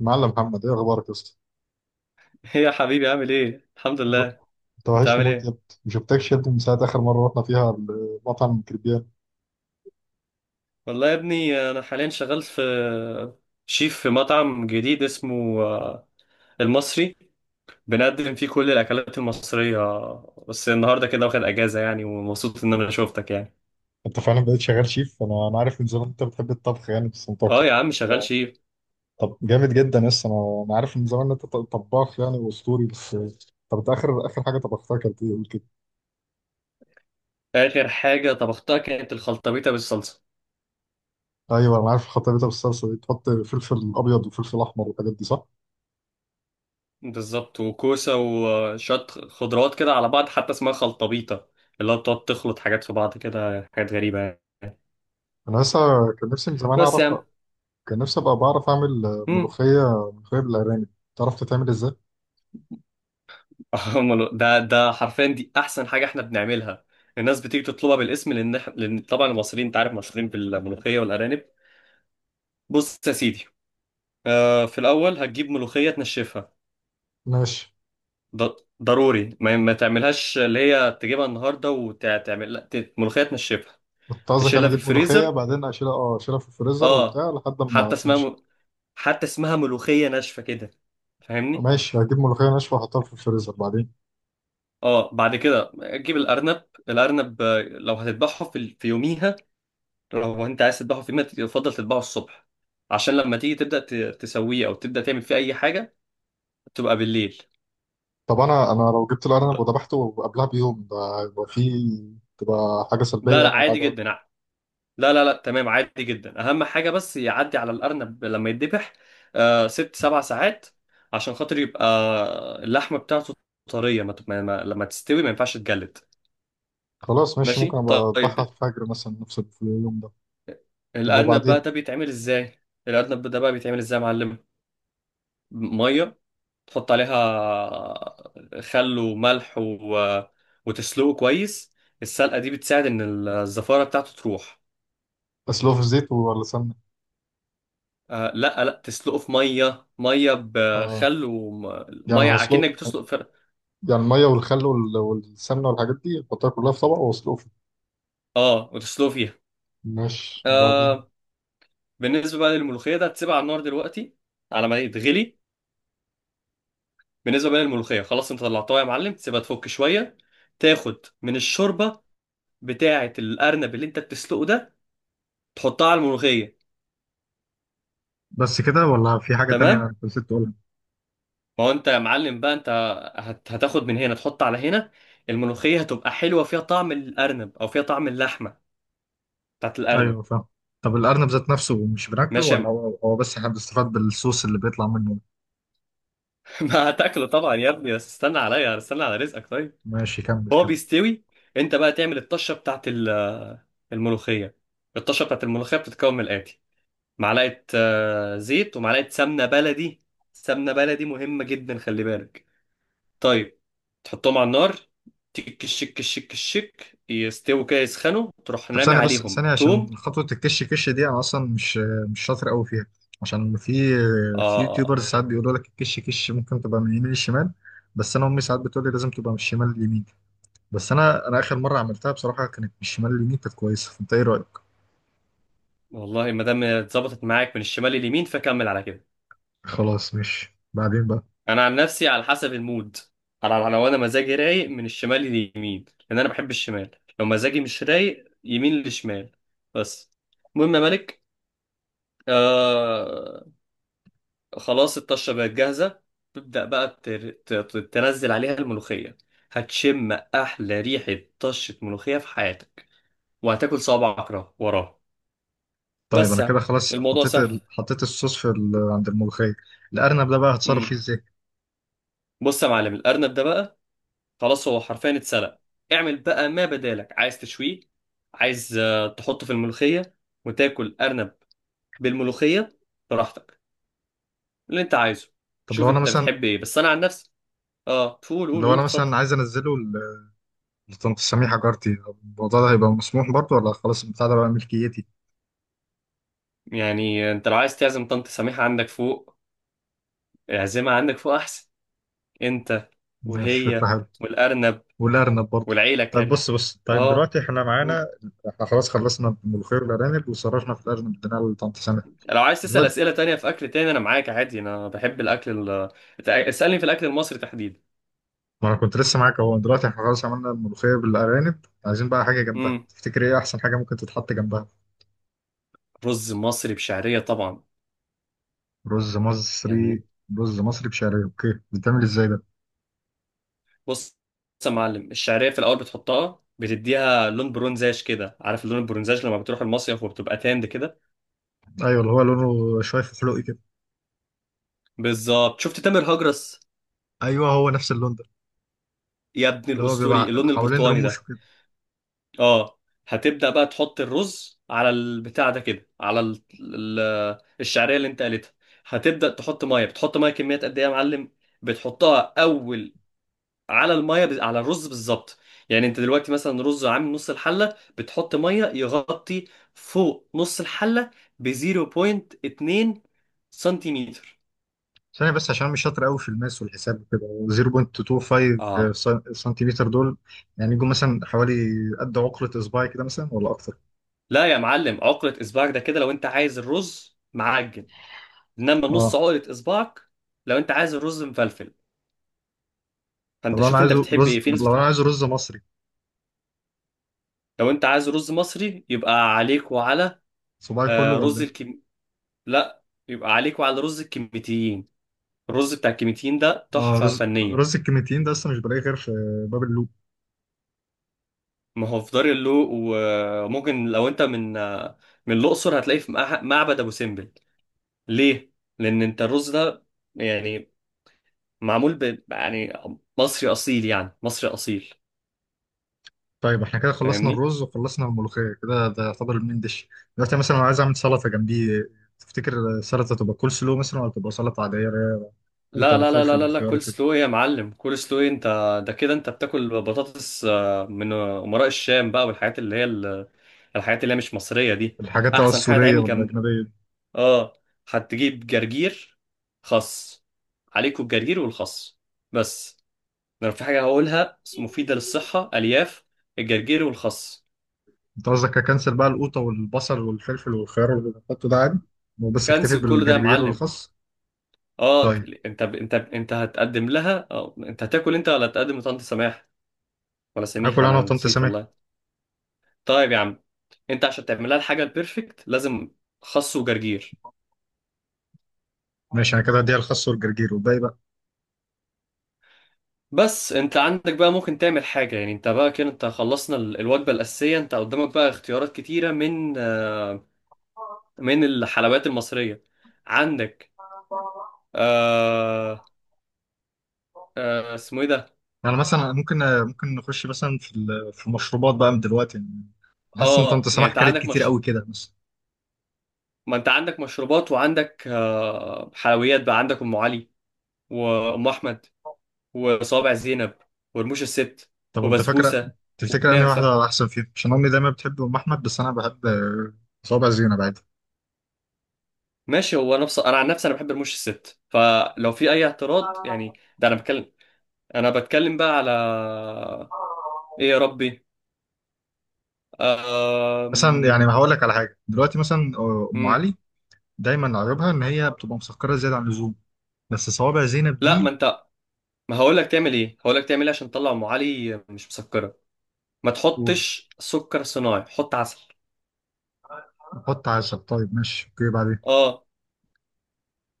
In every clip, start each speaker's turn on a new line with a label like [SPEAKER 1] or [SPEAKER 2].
[SPEAKER 1] معلم محمد، ايه اخبارك يا اسطى؟
[SPEAKER 2] ايه يا حبيبي، عامل ايه؟ الحمد
[SPEAKER 1] الو-
[SPEAKER 2] لله.
[SPEAKER 1] انت
[SPEAKER 2] انت
[SPEAKER 1] وحشني
[SPEAKER 2] عامل
[SPEAKER 1] موت يا
[SPEAKER 2] ايه؟
[SPEAKER 1] ابني. ما شفتكش يا ابني من ساعه اخر مره رحنا فيها المطعم كريبيان.
[SPEAKER 2] والله يا ابني انا حاليا شغال في شيف في مطعم جديد اسمه المصري. بنقدم فيه كل الاكلات المصرية. بس النهارده كده واخد اجازة يعني، ومبسوط ان انا شوفتك يعني.
[SPEAKER 1] انت فعلا بقيت شغال شيف. انا عارف من زمان انت بتحب الطبخ يعني بس
[SPEAKER 2] اه
[SPEAKER 1] متوقع.
[SPEAKER 2] يا عم شغال شيف.
[SPEAKER 1] طب جامد جدا يا اسطى، انا عارف من زمان ان انت طباخ يعني واسطوري بس. طب انت اخر اخر حاجه طبختها كانت ايه؟ قول كده.
[SPEAKER 2] اخر حاجة طبختها كانت الخلطبيطة بالصلصة.
[SPEAKER 1] ايوه انا عارف خطيبتها بالصلصه دي تحط فلفل ابيض وفلفل احمر والحاجات دي، صح؟
[SPEAKER 2] بالظبط، وكوسة وشوية خضروات كده على بعض، حتى اسمها خلطبيطة، اللي هو بتقعد تخلط حاجات في بعض كده، حاجات غريبة يعني.
[SPEAKER 1] انا لسه كان نفسي من زمان
[SPEAKER 2] بس
[SPEAKER 1] اعرف،
[SPEAKER 2] يا عم.
[SPEAKER 1] كان نفسي ابقى بعرف اعمل
[SPEAKER 2] مم.
[SPEAKER 1] ملوخيه ملوخيه بالارانب. تعرف تتعمل ازاي؟
[SPEAKER 2] أمال ده حرفيا دي احسن حاجه احنا بنعملها. الناس بتيجي تطلبها بالاسم، لان لان طبعا المصريين انت عارف مشهورين بالملوخيه والارانب. بص يا سيدي، في الاول هتجيب ملوخيه تنشفها.
[SPEAKER 1] ماشي.
[SPEAKER 2] ض- ضروري ما تعملهاش اللي هي تجيبها النهارده وتعمل، لا، ملوخيه تنشفها،
[SPEAKER 1] كنت قصدك انا
[SPEAKER 2] تشيلها في
[SPEAKER 1] اجيب ملوخيه
[SPEAKER 2] الفريزر.
[SPEAKER 1] بعدين اشيلها، اشيلها في الفريزر
[SPEAKER 2] اه.
[SPEAKER 1] وبتاع لحد ما
[SPEAKER 2] حتى اسمها
[SPEAKER 1] تنشف.
[SPEAKER 2] م... حتى اسمها ملوخيه ناشفه كده، فاهمني؟
[SPEAKER 1] ماشي هجيب ملوخيه ناشفه واحطها في الفريزر بعدين.
[SPEAKER 2] اه، بعد كده تجيب الارنب. الارنب، لو هتذبحه في يوميها، لو انت عايز تذبحه في يوم يفضل تذبحه الصبح، عشان لما تيجي تبدا تسويه او تبدا تعمل فيه اي حاجه تبقى بالليل.
[SPEAKER 1] طب انا لو جبت الارنب
[SPEAKER 2] لا.
[SPEAKER 1] وذبحته قبلها بيوم، ده هيبقى فيه تبقى حاجه سلبيه
[SPEAKER 2] لا، لا،
[SPEAKER 1] يعني ولا
[SPEAKER 2] عادي
[SPEAKER 1] حاجه؟
[SPEAKER 2] جدا. لا، لا، لا، تمام، عادي جدا. اهم حاجه بس يعدي على الارنب لما يتذبح 6-7 ساعات، عشان خاطر يبقى اللحمه بتاعته طريه. ما تب- ما- ما- لما تستوي ما ينفعش تجلد.
[SPEAKER 1] خلاص ماشي، ممكن
[SPEAKER 2] ماشي،
[SPEAKER 1] ابقى اذبحها في
[SPEAKER 2] طيب.
[SPEAKER 1] الفجر مثلا نفس اليوم ده. طب
[SPEAKER 2] الارنب بقى
[SPEAKER 1] وبعدين؟
[SPEAKER 2] ده بيتعمل ازاي الارنب ده بقى بيتعمل ازاي يا معلم؟ ميه، تحط عليها خل وملح وتسلقه كويس. السلقة دي بتساعد إن الزفارة بتاعته تروح.
[SPEAKER 1] اسلقه في زيت ولا سمنه؟
[SPEAKER 2] لا، لا، تسلقه في مية، مية
[SPEAKER 1] اه،
[SPEAKER 2] بخل
[SPEAKER 1] يعني
[SPEAKER 2] ومية،
[SPEAKER 1] هسلق،
[SPEAKER 2] أكنك بتسلق
[SPEAKER 1] يعني الميه والخل والسمنه والحاجات دي احطها كلها في طبق واسلقه فيه؟
[SPEAKER 2] اه، وتسلقه فيها.
[SPEAKER 1] ماشي وبعدين؟
[SPEAKER 2] آه بالنسبة بقى للملوخية، ده تسيبها على النار دلوقتي على ما تغلي. بالنسبة بقى للملوخية، خلاص انت طلعتها يا معلم، تسيبها تفك شوية، تاخد من الشوربة بتاعة الأرنب اللي انت بتسلقه ده، تحطها على الملوخية.
[SPEAKER 1] بس كده ولا في حاجه تانية
[SPEAKER 2] تمام،
[SPEAKER 1] أنا نسيت تقولها؟
[SPEAKER 2] ما هو انت يا معلم بقى، انت هتاخد من هنا تحط على هنا. الملوخية هتبقى حلوة فيها طعم الأرنب، أو فيها طعم اللحمة بتاعت الأرنب.
[SPEAKER 1] ايوه فاهم. طب الارنب ذات نفسه مش بناكله
[SPEAKER 2] ماشي
[SPEAKER 1] ولا هو هو بس احنا بنستفاد بالصوص اللي بيطلع منه؟
[SPEAKER 2] ما هتاكله طبعا يا ابني، بس استنى عليا، استنى على رزقك، طيب.
[SPEAKER 1] ماشي كمل
[SPEAKER 2] هو
[SPEAKER 1] كمل.
[SPEAKER 2] بيستوي. انت بقى تعمل الطشة بتاعت الملوخية. الطشة بتاعت الملوخية بتتكون من الآتي: معلقة زيت، ومعلقة سمنة بلدي. سمنة بلدي مهمة جدا، خلي بالك. طيب، تحطهم على النار، تك الشك الشك الشك يستووا كده، يسخنوا، تروح
[SPEAKER 1] طب
[SPEAKER 2] رامي
[SPEAKER 1] ثانيه بس
[SPEAKER 2] عليهم
[SPEAKER 1] ثانيه
[SPEAKER 2] توم.
[SPEAKER 1] عشان خطوه الكش كش دي انا اصلا مش شاطر قوي فيها. عشان في
[SPEAKER 2] اه،
[SPEAKER 1] يوتيوبرز ساعات بيقولوا لك الكش كش ممكن تبقى من اليمين للشمال، بس انا امي ساعات بتقول لي لازم تبقى من الشمال لليمين. بس انا اخر مره عملتها بصراحه كانت من الشمال لليمين كانت كويسه، فانت ايه رايك؟
[SPEAKER 2] والله ما دام اتظبطت معاك من الشمال لليمين فكمل على كده.
[SPEAKER 1] خلاص مش. بعدين بقى.
[SPEAKER 2] انا عن نفسي على حسب المود، لو انا مزاجي رايق من الشمال لليمين، لان انا بحب الشمال. لو مزاجي مش رايق، يمين لشمال. بس المهم يا ملك، آه خلاص الطشة بقت جاهزة. تبدأ بقى تنزل عليها الملوخية، هتشم أحلى ريحة طشة ملوخية في حياتك، وهتاكل صوابعك وراها.
[SPEAKER 1] طيب
[SPEAKER 2] بس
[SPEAKER 1] انا كده
[SPEAKER 2] يعني
[SPEAKER 1] خلاص
[SPEAKER 2] الموضوع
[SPEAKER 1] حطيت
[SPEAKER 2] سهل.
[SPEAKER 1] حطيت الصوص في عند الملوخيه. الارنب ده بقى هتصرف
[SPEAKER 2] مم.
[SPEAKER 1] فيه ازاي؟
[SPEAKER 2] بص يا معلم، الأرنب ده بقى خلاص هو حرفيا اتسلق. اعمل بقى ما بدالك، عايز تشويه، عايز تحطه في الملوخية وتاكل أرنب بالملوخية، براحتك اللي أنت عايزه.
[SPEAKER 1] طب
[SPEAKER 2] شوف
[SPEAKER 1] لو انا
[SPEAKER 2] أنت
[SPEAKER 1] مثلا
[SPEAKER 2] بتحب إيه، بس أنا عن نفسي. قول، قول،
[SPEAKER 1] لو
[SPEAKER 2] قول،
[SPEAKER 1] انا
[SPEAKER 2] اتفضل.
[SPEAKER 1] مثلا عايز انزله لطنط سميح جارتي، طب الموضوع ده هيبقى مسموح برضه ولا خلاص البتاع ده بقى ملكيتي؟
[SPEAKER 2] يعني انت لو عايز تعزم طنط سميحة عندك فوق، اعزمها عندك فوق احسن، انت
[SPEAKER 1] مش فكرة
[SPEAKER 2] وهي
[SPEAKER 1] حلوة.
[SPEAKER 2] والارنب
[SPEAKER 1] والأرنب برضه.
[SPEAKER 2] والعيلة
[SPEAKER 1] طيب
[SPEAKER 2] كاري.
[SPEAKER 1] بص بص، طيب
[SPEAKER 2] اه.
[SPEAKER 1] دلوقتي احنا معانا.
[SPEAKER 2] مم.
[SPEAKER 1] احنا خلاص خلصنا الملوخية والأرانب وصرفنا في الأرنب، اديناها لطنط سميح.
[SPEAKER 2] لو عايز تسأل
[SPEAKER 1] دلوقتي
[SPEAKER 2] اسئلة تانية في اكل تاني انا معاك عادي، انا بحب الاكل اسألني في الاكل المصري تحديدا.
[SPEAKER 1] ما انا كنت لسه معاك اهو، دلوقتي احنا خلاص عملنا الملوخية بالأرانب، عايزين بقى حاجة جنبها.
[SPEAKER 2] امم
[SPEAKER 1] تفتكر ايه أحسن حاجة ممكن تتحط جنبها؟
[SPEAKER 2] رز مصري بشعرية طبعا،
[SPEAKER 1] رز مصري.
[SPEAKER 2] يعني.
[SPEAKER 1] رز مصري بشعرية، اوكي، بيتعمل ازاي ده؟
[SPEAKER 2] بص، بص يا معلم، الشعرية في الاول بتحطها بتديها لون برونزاج كده. عارف اللون البرونزاج لما بتروح المصيف وبتبقى تاند كده؟
[SPEAKER 1] ايوه، اللي هو لونه شوية فحلوقي كده.
[SPEAKER 2] بالظبط. شفت تامر هجرس
[SPEAKER 1] ايوه هو نفس اللون ده،
[SPEAKER 2] يا ابن
[SPEAKER 1] اللي هو
[SPEAKER 2] الاسطوري،
[SPEAKER 1] بيبقى
[SPEAKER 2] اللون
[SPEAKER 1] حوالين
[SPEAKER 2] البرتقاني
[SPEAKER 1] رموش
[SPEAKER 2] ده.
[SPEAKER 1] كده.
[SPEAKER 2] اه، هتبدأ بقى تحط الرز على البتاع ده كده، على الشعرية اللي انت قالتها. هتبدأ تحط ميه، بتحط ميه كميات قد ايه يا معلم؟ بتحطها اول على الميه، على الرز بالظبط. يعني انت دلوقتي مثلا رز عامل نص الحلة، بتحط ميه يغطي فوق نص الحلة ب 0.2 سنتيمتر.
[SPEAKER 1] ثانية بس، عشان مش شاطر قوي في الماس والحساب وكده، 0.25
[SPEAKER 2] اه،
[SPEAKER 1] سنتيمتر دول يعني يجوا مثلا حوالي قد عقلة إصبعي كده مثلا ولا أكتر؟
[SPEAKER 2] لا يا معلم، عقلة اصبعك ده كده لو انت عايز الرز معجن، انما نص
[SPEAKER 1] اه.
[SPEAKER 2] عقلة اصبعك لو انت عايز الرز مفلفل.
[SPEAKER 1] طب
[SPEAKER 2] فانت شوف انت بتحب ايه، في ناس
[SPEAKER 1] لو أنا
[SPEAKER 2] بتحب.
[SPEAKER 1] عايزه رز مصري،
[SPEAKER 2] لو انت عايز رز مصري يبقى عليك وعلى
[SPEAKER 1] صباعي كله
[SPEAKER 2] آه،
[SPEAKER 1] ولا
[SPEAKER 2] رز
[SPEAKER 1] إيه؟
[SPEAKER 2] الكم لا، يبقى عليك وعلى رز الكميتيين. الرز بتاع الكميتيين ده
[SPEAKER 1] اه،
[SPEAKER 2] تحفة
[SPEAKER 1] رز
[SPEAKER 2] فنية.
[SPEAKER 1] رز الكيميتيين ده أصلا مش بلاقيه غير في باب اللوق.
[SPEAKER 2] ما هو في دار اللوق، وممكن لو انت من من الأقصر هتلاقيه في معبد أبو سمبل. ليه؟ لأن انت الرز ده، يعني، معمول يعني مصري أصيل، يعني مصري أصيل،
[SPEAKER 1] طيب احنا كده خلصنا
[SPEAKER 2] فاهمني؟
[SPEAKER 1] الرز وخلصنا الملوخية، كده ده يعتبر المين ديش. دلوقتي مثلا لو عايز أعمل سلطة جنبيه، تفتكر السلطة تبقى كول سلو مثلا ولا تبقى سلطة عادية اللي هي قوطة
[SPEAKER 2] لا، لا، لا، لا،
[SPEAKER 1] وفلفل
[SPEAKER 2] لا، لا،
[SPEAKER 1] وخيار
[SPEAKER 2] كول
[SPEAKER 1] وكده؟
[SPEAKER 2] سلو إيه يا معلم، كول سلو إيه انت؟ ده كده انت بتاكل بطاطس من امراء الشام بقى، والحاجات اللي هي الحاجات اللي هي مش مصرية دي.
[SPEAKER 1] الحاجات بقى
[SPEAKER 2] احسن حاجة
[SPEAKER 1] السورية
[SPEAKER 2] تعمل جنب،
[SPEAKER 1] والأجنبية دي؟
[SPEAKER 2] اه، هتجيب جرجير، خس. عليكوا الجرجير والخس بس. لو في حاجة هقولها مفيدة للصحة، الياف الجرجير والخس.
[SPEAKER 1] أنت قصدك أكنسل بقى القوطة والبصل والفلفل والخيار اللي بحطه ده عادي وبس أكتفي
[SPEAKER 2] كنسل كل ده يا
[SPEAKER 1] بالجرجير
[SPEAKER 2] معلم.
[SPEAKER 1] والخس؟
[SPEAKER 2] اه،
[SPEAKER 1] طيب.
[SPEAKER 2] انت هتقدم لها. اه، انت هتاكل انت ولا هتقدم لطنط سماح ولا سميح؟
[SPEAKER 1] هاكل أنا
[SPEAKER 2] انا
[SPEAKER 1] وطنط
[SPEAKER 2] نسيت
[SPEAKER 1] سامح.
[SPEAKER 2] والله. طيب يا عم، انت عشان تعملها الحاجه البيرفكت لازم خس وجرجير.
[SPEAKER 1] ماشي، أنا كده هديها الخس والجرجير والباقي بقى.
[SPEAKER 2] بس انت عندك بقى ممكن تعمل حاجه، يعني انت بقى كده، انت خلصنا الوجبه الاساسيه، انت قدامك بقى اختيارات كتيره من من الحلويات المصريه. عندك، آه، اسمه ايه ده؟
[SPEAKER 1] يعني مثلا ممكن، ممكن نخش مثلا في المشروبات بقى من دلوقتي يعني، حاسس إن طنط
[SPEAKER 2] اه، يعني
[SPEAKER 1] سامح
[SPEAKER 2] انت
[SPEAKER 1] كلت
[SPEAKER 2] عندك
[SPEAKER 1] كتير
[SPEAKER 2] مش...
[SPEAKER 1] قوي كده مثلا.
[SPEAKER 2] ما انت عندك مشروبات، وعندك حلويات. بقى عندك ام علي، وام احمد، وصوابع زينب، ورموش الست،
[SPEAKER 1] طب وأنت فاكرة،
[SPEAKER 2] وبسبوسه،
[SPEAKER 1] تفتكر أنهي
[SPEAKER 2] وكنافه.
[SPEAKER 1] واحدة أحسن فيهم؟ عشان أمي دايما بتحب أم أحمد بس أنا بحب صوابع زينب عادي.
[SPEAKER 2] ماشي. هو انا انا عن نفسي انا بحب رموش الست، فلو في اي اعتراض يعني. ده انا بتكلم بقى على ايه يا ربي؟
[SPEAKER 1] مثلا يعني
[SPEAKER 2] أم...
[SPEAKER 1] هقول لك على حاجة. دلوقتي مثلا أم
[SPEAKER 2] أم...
[SPEAKER 1] علي دايما عيوبها ان هي بتبقى مسكره زياده عن اللزوم. بس صوابع زينب
[SPEAKER 2] لا،
[SPEAKER 1] دي.
[SPEAKER 2] ما انت، ما هقول لك تعمل ايه هقول لك تعمل ايه عشان تطلع ام علي مش مسكره. ما
[SPEAKER 1] قول
[SPEAKER 2] تحطش سكر صناعي، حط عسل.
[SPEAKER 1] نحط 10، طيب ماشي اوكي بعدين.
[SPEAKER 2] اه،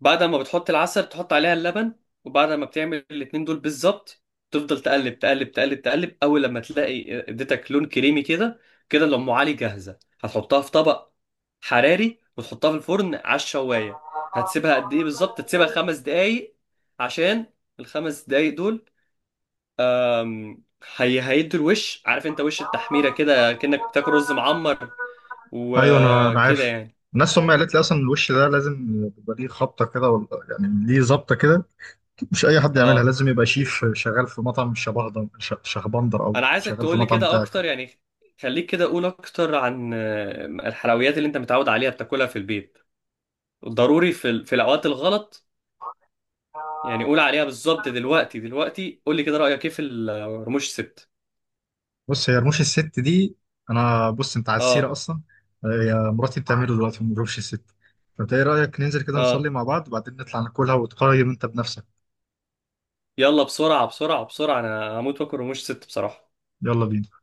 [SPEAKER 2] بعد ما بتحط العسل تحط عليها اللبن. وبعد ما بتعمل الاتنين دول بالظبط، تفضل تقلب، تقلب، تقلب، تقلب، اول لما تلاقي اديتك لون كريمي كده، كده الام علي جاهزه. هتحطها في طبق حراري وتحطها في الفرن على الشوايه. هتسيبها قد ايه بالظبط؟ تسيبها 5 دقايق، عشان الخمس دقايق دول، أم، هي هيدوا الوش. عارف انت وش التحميره كده، كأنك بتاكل رز معمر
[SPEAKER 1] ايوه انا
[SPEAKER 2] وكده
[SPEAKER 1] عارف.
[SPEAKER 2] يعني.
[SPEAKER 1] الناس هم قالت لي اصلا الوش ده لازم يبقى ليه خبطه كده ولا يعني ليه ظبطه كده. مش اي حد يعملها،
[SPEAKER 2] اه،
[SPEAKER 1] لازم يبقى شيف شغال في مطعم شهبندر او
[SPEAKER 2] انا عايزك
[SPEAKER 1] شغال في
[SPEAKER 2] تقولي
[SPEAKER 1] مطعم
[SPEAKER 2] كده
[SPEAKER 1] بتاعك.
[SPEAKER 2] اكتر يعني. خليك كده، قول اكتر عن الحلويات اللي انت متعود عليها بتاكلها في البيت، ضروري في في الاوقات الغلط يعني. قول عليها بالظبط دلوقتي، دلوقتي، قولي كده رايك ايه في رموش ست؟
[SPEAKER 1] بص هي رموش الست دي، انا بص انت على السيره
[SPEAKER 2] اه،
[SPEAKER 1] اصلا، هي مراتي بتعمله دلوقتي من رموش الست، فانت ايه رايك ننزل كده نصلي
[SPEAKER 2] اه،
[SPEAKER 1] مع بعض وبعدين نطلع ناكلها وتقيم انت بنفسك؟
[SPEAKER 2] يلا بسرعه، بسرعه، بسرعه، انا هموت واكل رموش ست بصراحه.
[SPEAKER 1] يلا بينا.